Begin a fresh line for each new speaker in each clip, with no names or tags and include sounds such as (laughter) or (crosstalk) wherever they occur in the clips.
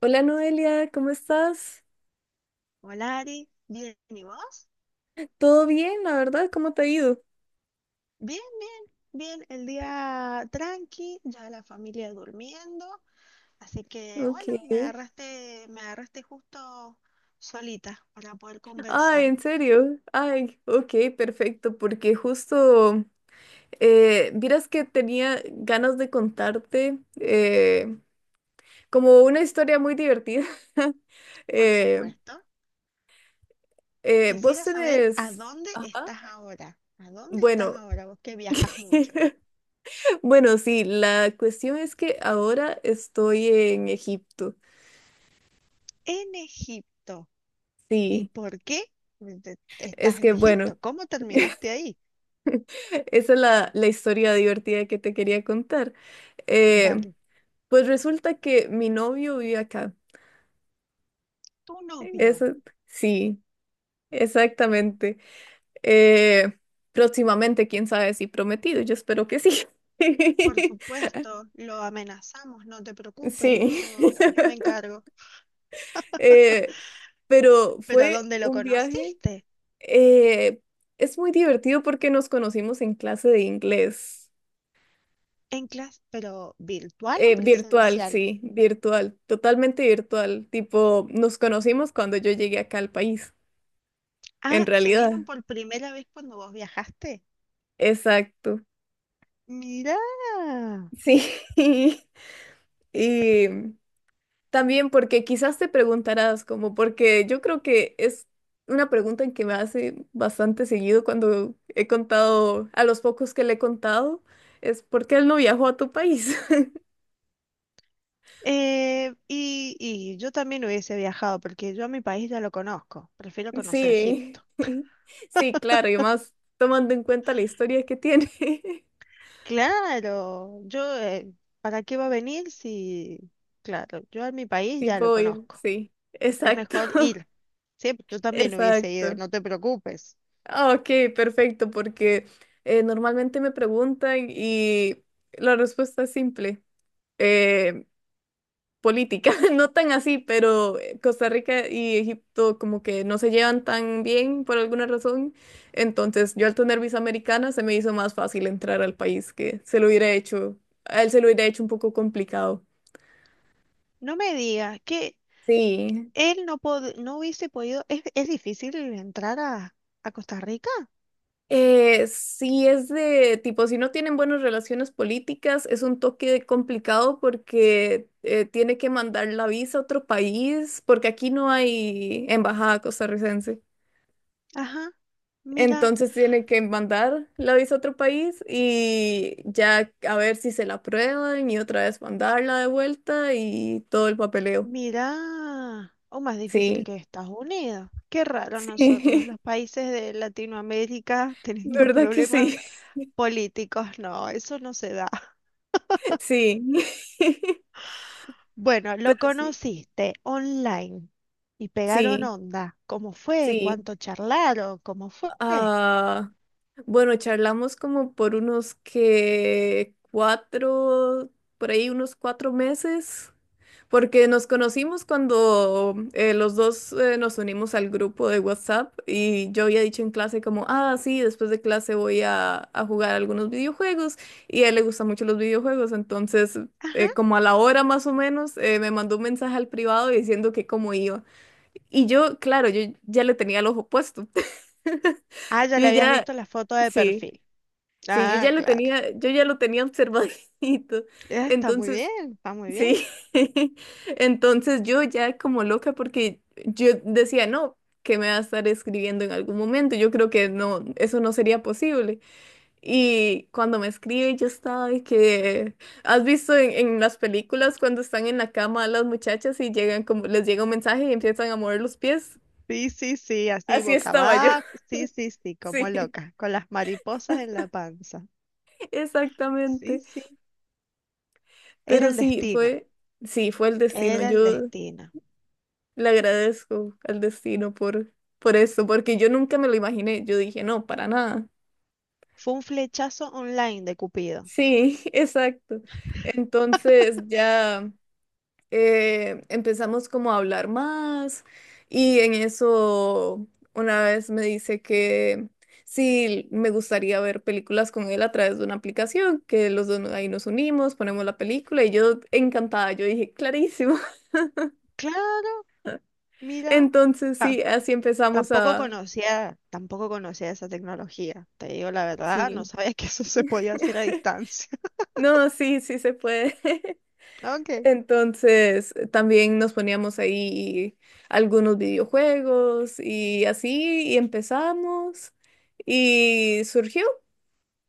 Hola Noelia, ¿cómo estás?
Hola Ari, bien, ¿y vos?
¿Todo bien, la verdad? ¿Cómo te ha ido?
Bien, bien, bien, el día tranqui, ya la familia durmiendo, así que
Ok.
bueno, me agarraste justo solita para poder
Ay,
conversar,
¿en serio? Ay, ok, perfecto, porque justo, vieras que tenía ganas de contarte como una historia muy divertida. (laughs)
por
Eh,
supuesto.
vos
Quisiera saber a
tenés...
dónde
Ajá.
estás ahora, a dónde estás
Bueno,
ahora, vos que viajas mucho.
(laughs) bueno, sí, la cuestión es que ahora estoy en Egipto.
En Egipto, ¿y
Sí,
por qué estás
es
en
que bueno.
Egipto? ¿Cómo
(laughs)
terminaste ahí?
Esa es la historia divertida que te quería contar. Eh,
Vale,
pues resulta que mi novio vive acá.
tu novio.
Eso, sí, exactamente. Eh, Próximamente, quién sabe si prometido, yo espero que sí.
Por
(laughs)
supuesto, lo amenazamos, no te preocupes,
Sí.
yo me
(laughs)
encargo.
Eh, pero
¿Pero a
fue
dónde lo
un viaje.
conociste?
eh, es muy divertido porque nos conocimos en clase de inglés.
En clase, pero ¿virtual o
Virtual,
presencial?
sí, virtual, totalmente virtual. Tipo, nos conocimos cuando yo llegué acá al país, en
Ah, ¿se
realidad.
vieron por primera vez cuando vos viajaste?
Exacto.
Mirá.
Sí. (laughs) Y también porque quizás te preguntarás, como porque yo creo que es una pregunta en que me hace bastante seguido cuando he contado, a los pocos que le he contado, es ¿por qué él no viajó a tu país?
Y yo también hubiese viajado porque yo a mi país ya lo conozco, prefiero
(laughs)
conocer
Sí.
Egipto.
(laughs) Sí, claro, y más tomando en cuenta la historia que tiene. (laughs)
Claro, yo, ¿para qué va a venir si... Claro, yo a mi país
Sí,
ya lo
puedo ir,
conozco,
sí,
es
exacto,
mejor
(laughs)
ir. Sí, yo también hubiese ido,
exacto.
no te preocupes.
Ah, ok, perfecto, porque normalmente me preguntan y la respuesta es simple, eh, política, (laughs) no tan así, pero Costa Rica y Egipto como que no se llevan tan bien por alguna razón, entonces yo al tener visa americana se me hizo más fácil entrar al país que se lo hubiera hecho, a él se lo hubiera hecho un poco complicado.
No me digas que
Sí.
él no, no hubiese podido, es difícil entrar a Costa Rica.
Sí, es de tipo, si no tienen buenas relaciones políticas, es un toque complicado porque tiene que mandar la visa a otro país, porque aquí no hay embajada costarricense.
Ajá, mira,
Entonces tiene que mandar la visa a otro país y ya a ver si se la aprueban y otra vez mandarla de vuelta y todo el papeleo.
mira, o más difícil
Sí,
que Estados Unidos. Qué raro nosotros,
sí,
los países de Latinoamérica (laughs)
(laughs)
teniendo
¿verdad que
problemas
sí? (laughs)
políticos, no, eso no se da. (laughs)
Sí, (laughs)
Bueno, lo
pero sí,
conociste online y pegaron
sí,
onda. ¿Cómo fue?
sí.
¿Cuánto charlaron? ¿Cómo fue?
Ah, bueno, charlamos como por unos que cuatro, por ahí unos cuatro meses, porque nos conocimos cuando los dos nos unimos al grupo de WhatsApp y yo había dicho en clase como, ah, sí, después de clase voy a jugar algunos videojuegos y a él le gustan mucho los videojuegos, entonces
Ajá.
como a la hora más o menos me mandó un mensaje al privado diciendo que cómo iba. Y yo, claro, yo ya le tenía el ojo puesto. (laughs)
Ah, ya
Yo
le habías
ya,
visto la foto de
sí,
perfil.
sí,
Ah, claro.
yo ya lo tenía observadito.
Ah, está muy bien,
Entonces,
está muy bien.
sí, (laughs) entonces yo ya como loca porque yo decía, no, que me va a estar escribiendo en algún momento. Yo creo que no, eso no sería posible. Y cuando me escribe, yo estaba de que, ¿has visto en las películas cuando están en la cama las muchachas y llegan como, les llega un mensaje y empiezan a mover los pies?
Sí, sí, sí, así
Así
boca
estaba yo,
abajo. Sí, sí, sí,
(laughs)
como
sí,
loca, con las mariposas en la panza. Sí,
exactamente.
sí. Era
Pero
el destino,
sí, fue el destino.
era el
Yo
destino.
le agradezco al destino por eso, porque yo nunca me lo imaginé. Yo dije, no, para nada.
Fue un flechazo online de Cupido.
Sí, (laughs) exacto. Entonces ya empezamos como a hablar más y en eso una vez me dice que sí, me gustaría ver películas con él a través de una aplicación, que los dos ahí nos unimos, ponemos la película y yo encantada, yo dije, clarísimo.
Claro, mira,
Entonces sí, así empezamos
tampoco
a...
conocía, tampoco conocía esa tecnología. Te digo la verdad, no
Sí.
sabía que eso se podía hacer a
(laughs)
distancia. (laughs)
No, sí, sí se puede. (laughs)
Ok.
Entonces también nos poníamos ahí algunos videojuegos y así y empezamos y surgió,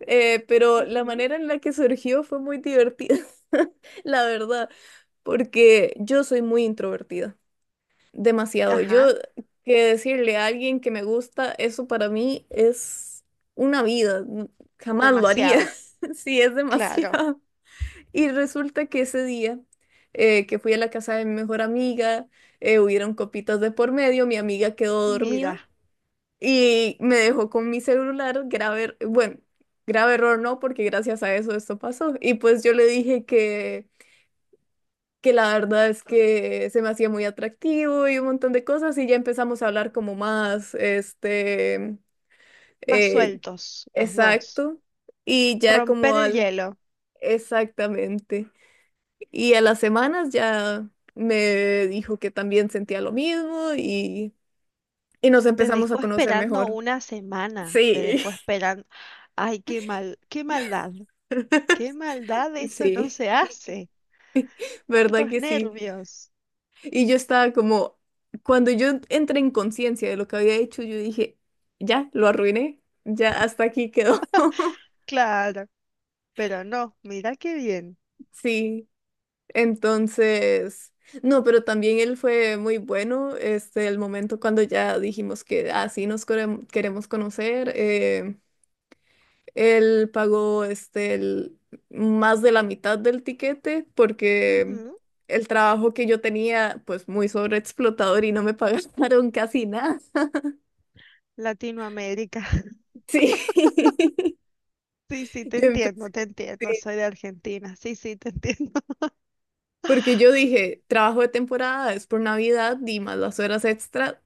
pero la
Ujú.
manera en la que surgió fue muy divertida, (laughs) la verdad, porque yo soy muy introvertida, demasiado. Yo
Ajá,
que decirle a alguien que me gusta, eso para mí es una vida. Jamás lo haría.
demasiado,
(laughs) Sí, es
claro.
demasiado. Y resulta que ese día que fui a la casa de mi mejor amiga, hubieron copitas de por medio, mi amiga quedó
Mira.
dormida y me dejó con mi celular, bueno, grave error no, porque gracias a eso esto pasó. Y pues yo le dije que la verdad es que se me hacía muy atractivo y un montón de cosas y ya empezamos a hablar como más,
Más
eh,
sueltos los dos.
exacto, y ya
Romper
como
el
al,
hielo.
exactamente, y a las semanas ya me dijo que también sentía lo mismo y nos
Te
empezamos a
dejó
conocer
esperando
mejor.
una semana, te
Sí,
dejó esperando. Ay, qué mal, qué maldad,
(laughs)
eso no
sí,
se hace.
¿verdad
¿Cuántos
que sí?
nervios?
Y yo estaba como, cuando yo entré en conciencia de lo que había hecho, yo dije, ya, lo arruiné, ya hasta aquí quedó. (laughs)
Claro, pero no, mira qué bien.
Sí, entonces, no, pero también él fue muy bueno, este, el momento cuando ya dijimos que así queremos conocer, él pagó, más de la mitad del tiquete porque
Ujú,
el trabajo que yo tenía, pues muy sobreexplotador y no me pagaron (laughs) casi nada.
Latinoamérica. (laughs)
Sí. (laughs)
Sí, sí,
Yo empecé,
te entiendo,
sí,
soy de Argentina. Sí, sí, te entiendo.
porque yo dije, trabajo de temporada es por Navidad y más las horas extra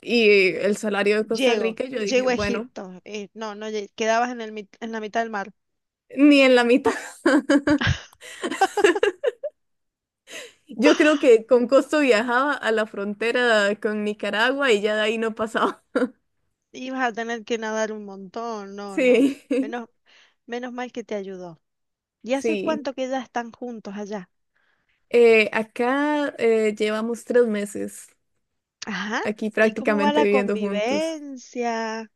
y el salario
(laughs)
de Costa
Llego,
Rica, yo dije,
llego a
bueno,
Egipto. No, no, quedabas en el, en la mitad del mar.
ni en la mitad. (laughs) Yo creo
(laughs)
que con costo viajaba a la frontera con Nicaragua y ya de ahí no pasaba. (laughs)
Y vas a tener que nadar un montón, no, no.
Sí,
Menos,
(laughs)
menos mal que te ayudó. ¿Y hace
sí.
cuánto que ya están juntos allá?
Acá llevamos tres meses
Ajá.
aquí
¿Y cómo va
prácticamente
la
viviendo juntos.
convivencia?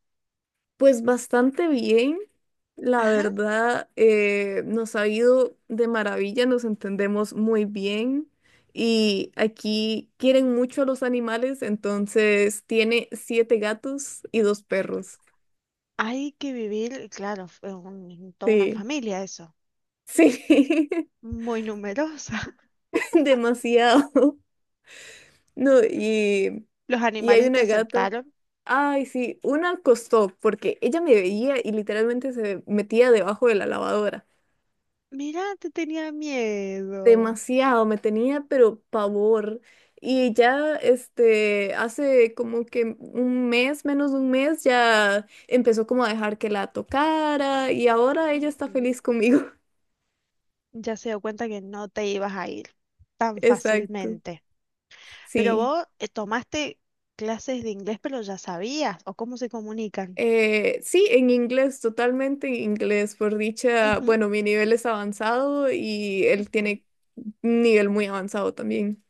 Pues bastante bien, la
Ajá.
verdad, nos ha ido de maravilla, nos entendemos muy bien y aquí quieren mucho a los animales, entonces tiene siete gatos y dos perros.
Hay que vivir, claro, toda una
Sí,
familia eso.
sí,
Muy numerosa.
(laughs) demasiado. No, y,
(laughs) ¿Los
y hay
animales te
una gata.
aceptaron?
Ay, sí, una costó porque ella me veía y literalmente se metía debajo de la lavadora.
Mira, te tenía miedo.
Demasiado, me tenía pero pavor. Y ya este hace como que un mes, menos de un mes, ya empezó como a dejar que la tocara y ahora ella está
Ujú.
feliz conmigo. (laughs)
Ya se dio cuenta que no te ibas a ir tan
Exacto.
fácilmente. Pero
Sí.
vos tomaste clases de inglés, pero ya sabías, o cómo se comunican.
Sí, en inglés, totalmente en inglés. Por dicha,
Ujú,
bueno, mi nivel es avanzado y él
ujú,
tiene un nivel muy avanzado también.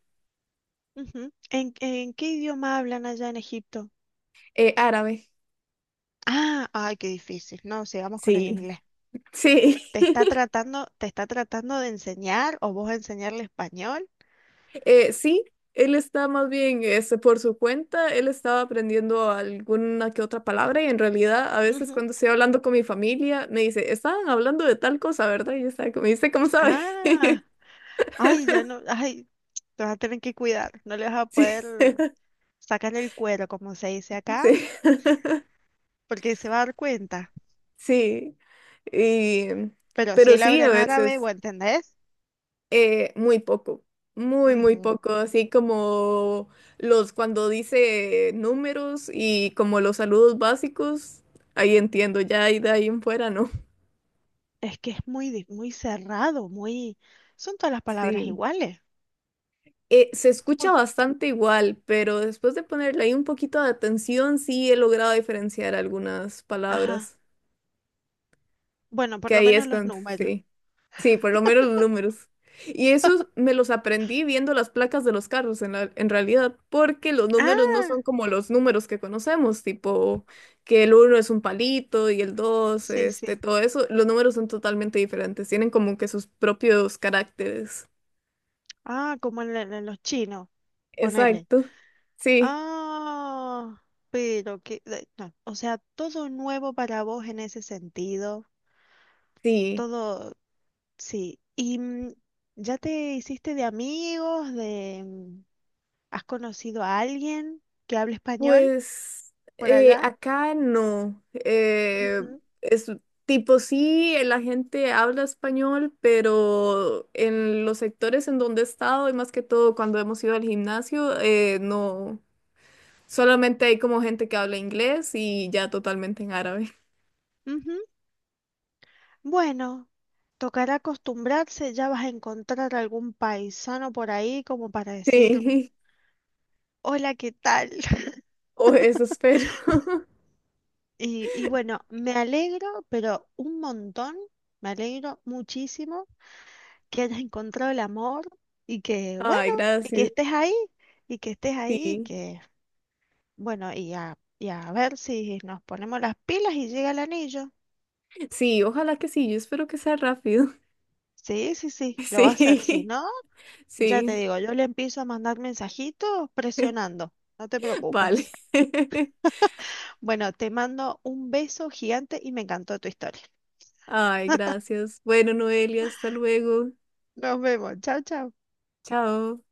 ujú. En qué idioma hablan allá en Egipto?
Árabe.
Ah, ay, qué difícil. No, sigamos con el
Sí,
inglés.
(laughs) sí.
Te está tratando de enseñar o vos enseñarle español?
Sí, él está más bien este, por su cuenta, él estaba aprendiendo alguna que otra palabra y en realidad a veces
Ujú.
cuando estoy hablando con mi familia me dice, estaban hablando de tal cosa, ¿verdad? Y yo estaba como, me dice, ¿cómo sabe? (laughs)
Ah, ay, ya no, ay, te vas a tener que cuidar. No le vas a
Sí,
poder sacar el cuero, como se dice acá,
sí, (laughs)
porque se va a dar cuenta.
sí. Y,
Pero si
pero
él
sí,
habla
a
en árabe,
veces,
¿vos entendés?
muy poco, muy
Ujú.
poco, así como los cuando dice números y como los saludos básicos, ahí entiendo, ya y de ahí en fuera, ¿no?
Es que es muy, muy cerrado, muy... Son todas las palabras
Sí.
iguales.
Se escucha
Muy...
bastante igual, pero después de ponerle ahí un poquito de atención, sí he logrado diferenciar algunas
Ajá.
palabras.
Bueno,
Que
por lo
ahí
menos
es
los
cuando,
números.
sí. Sí, por lo menos los números. Y esos me los aprendí viendo las placas de los carros en realidad, porque los números no son
Ah,
como los números que conocemos, tipo que el uno es un palito y el dos
sí,
este,
sí.
todo eso. Los números son totalmente diferentes, tienen como que sus propios caracteres.
Ah, como en, en los chinos, ponele.
Exacto. Sí,
Ah, pero que... no, o sea, todo nuevo para vos en ese sentido.
sí.
Todo, sí. ¿Y mm, ya te hiciste de amigos, de... mm, ¿has conocido a alguien que hable español
Pues
por allá?
acá no.
Ujú,
Es tipo sí, la gente habla español, pero en los sectores en donde he estado y más que todo cuando hemos ido al gimnasio, no. Solamente hay como gente que habla inglés y ya totalmente en árabe. (laughs)
ujú. Bueno. Tocará acostumbrarse, ya vas a encontrar algún paisano por ahí como para decir,
Sí,
hola, ¿qué tal? (laughs)
o eso espero. (laughs)
Y, y bueno, me alegro, pero un montón, me alegro muchísimo que hayas encontrado el amor y que, bueno,
Ay,
y que
gracias.
estés ahí, y que estés ahí, y
Sí,
que, bueno, y a ver si nos ponemos las pilas y llega el anillo.
sí, ojalá que sí. Yo espero que sea rápido. (laughs)
Sí, sí, sí, lo va a hacer. Si
Sí,
no, ya te
sí,
digo, yo le empiezo a mandar mensajitos presionando. No te
vale.
preocupes.
(laughs)
Bueno, te mando un beso gigante y me encantó tu historia.
Ay, gracias. Bueno, Noelia, hasta luego.
Nos vemos. Chao, chao.
Chao.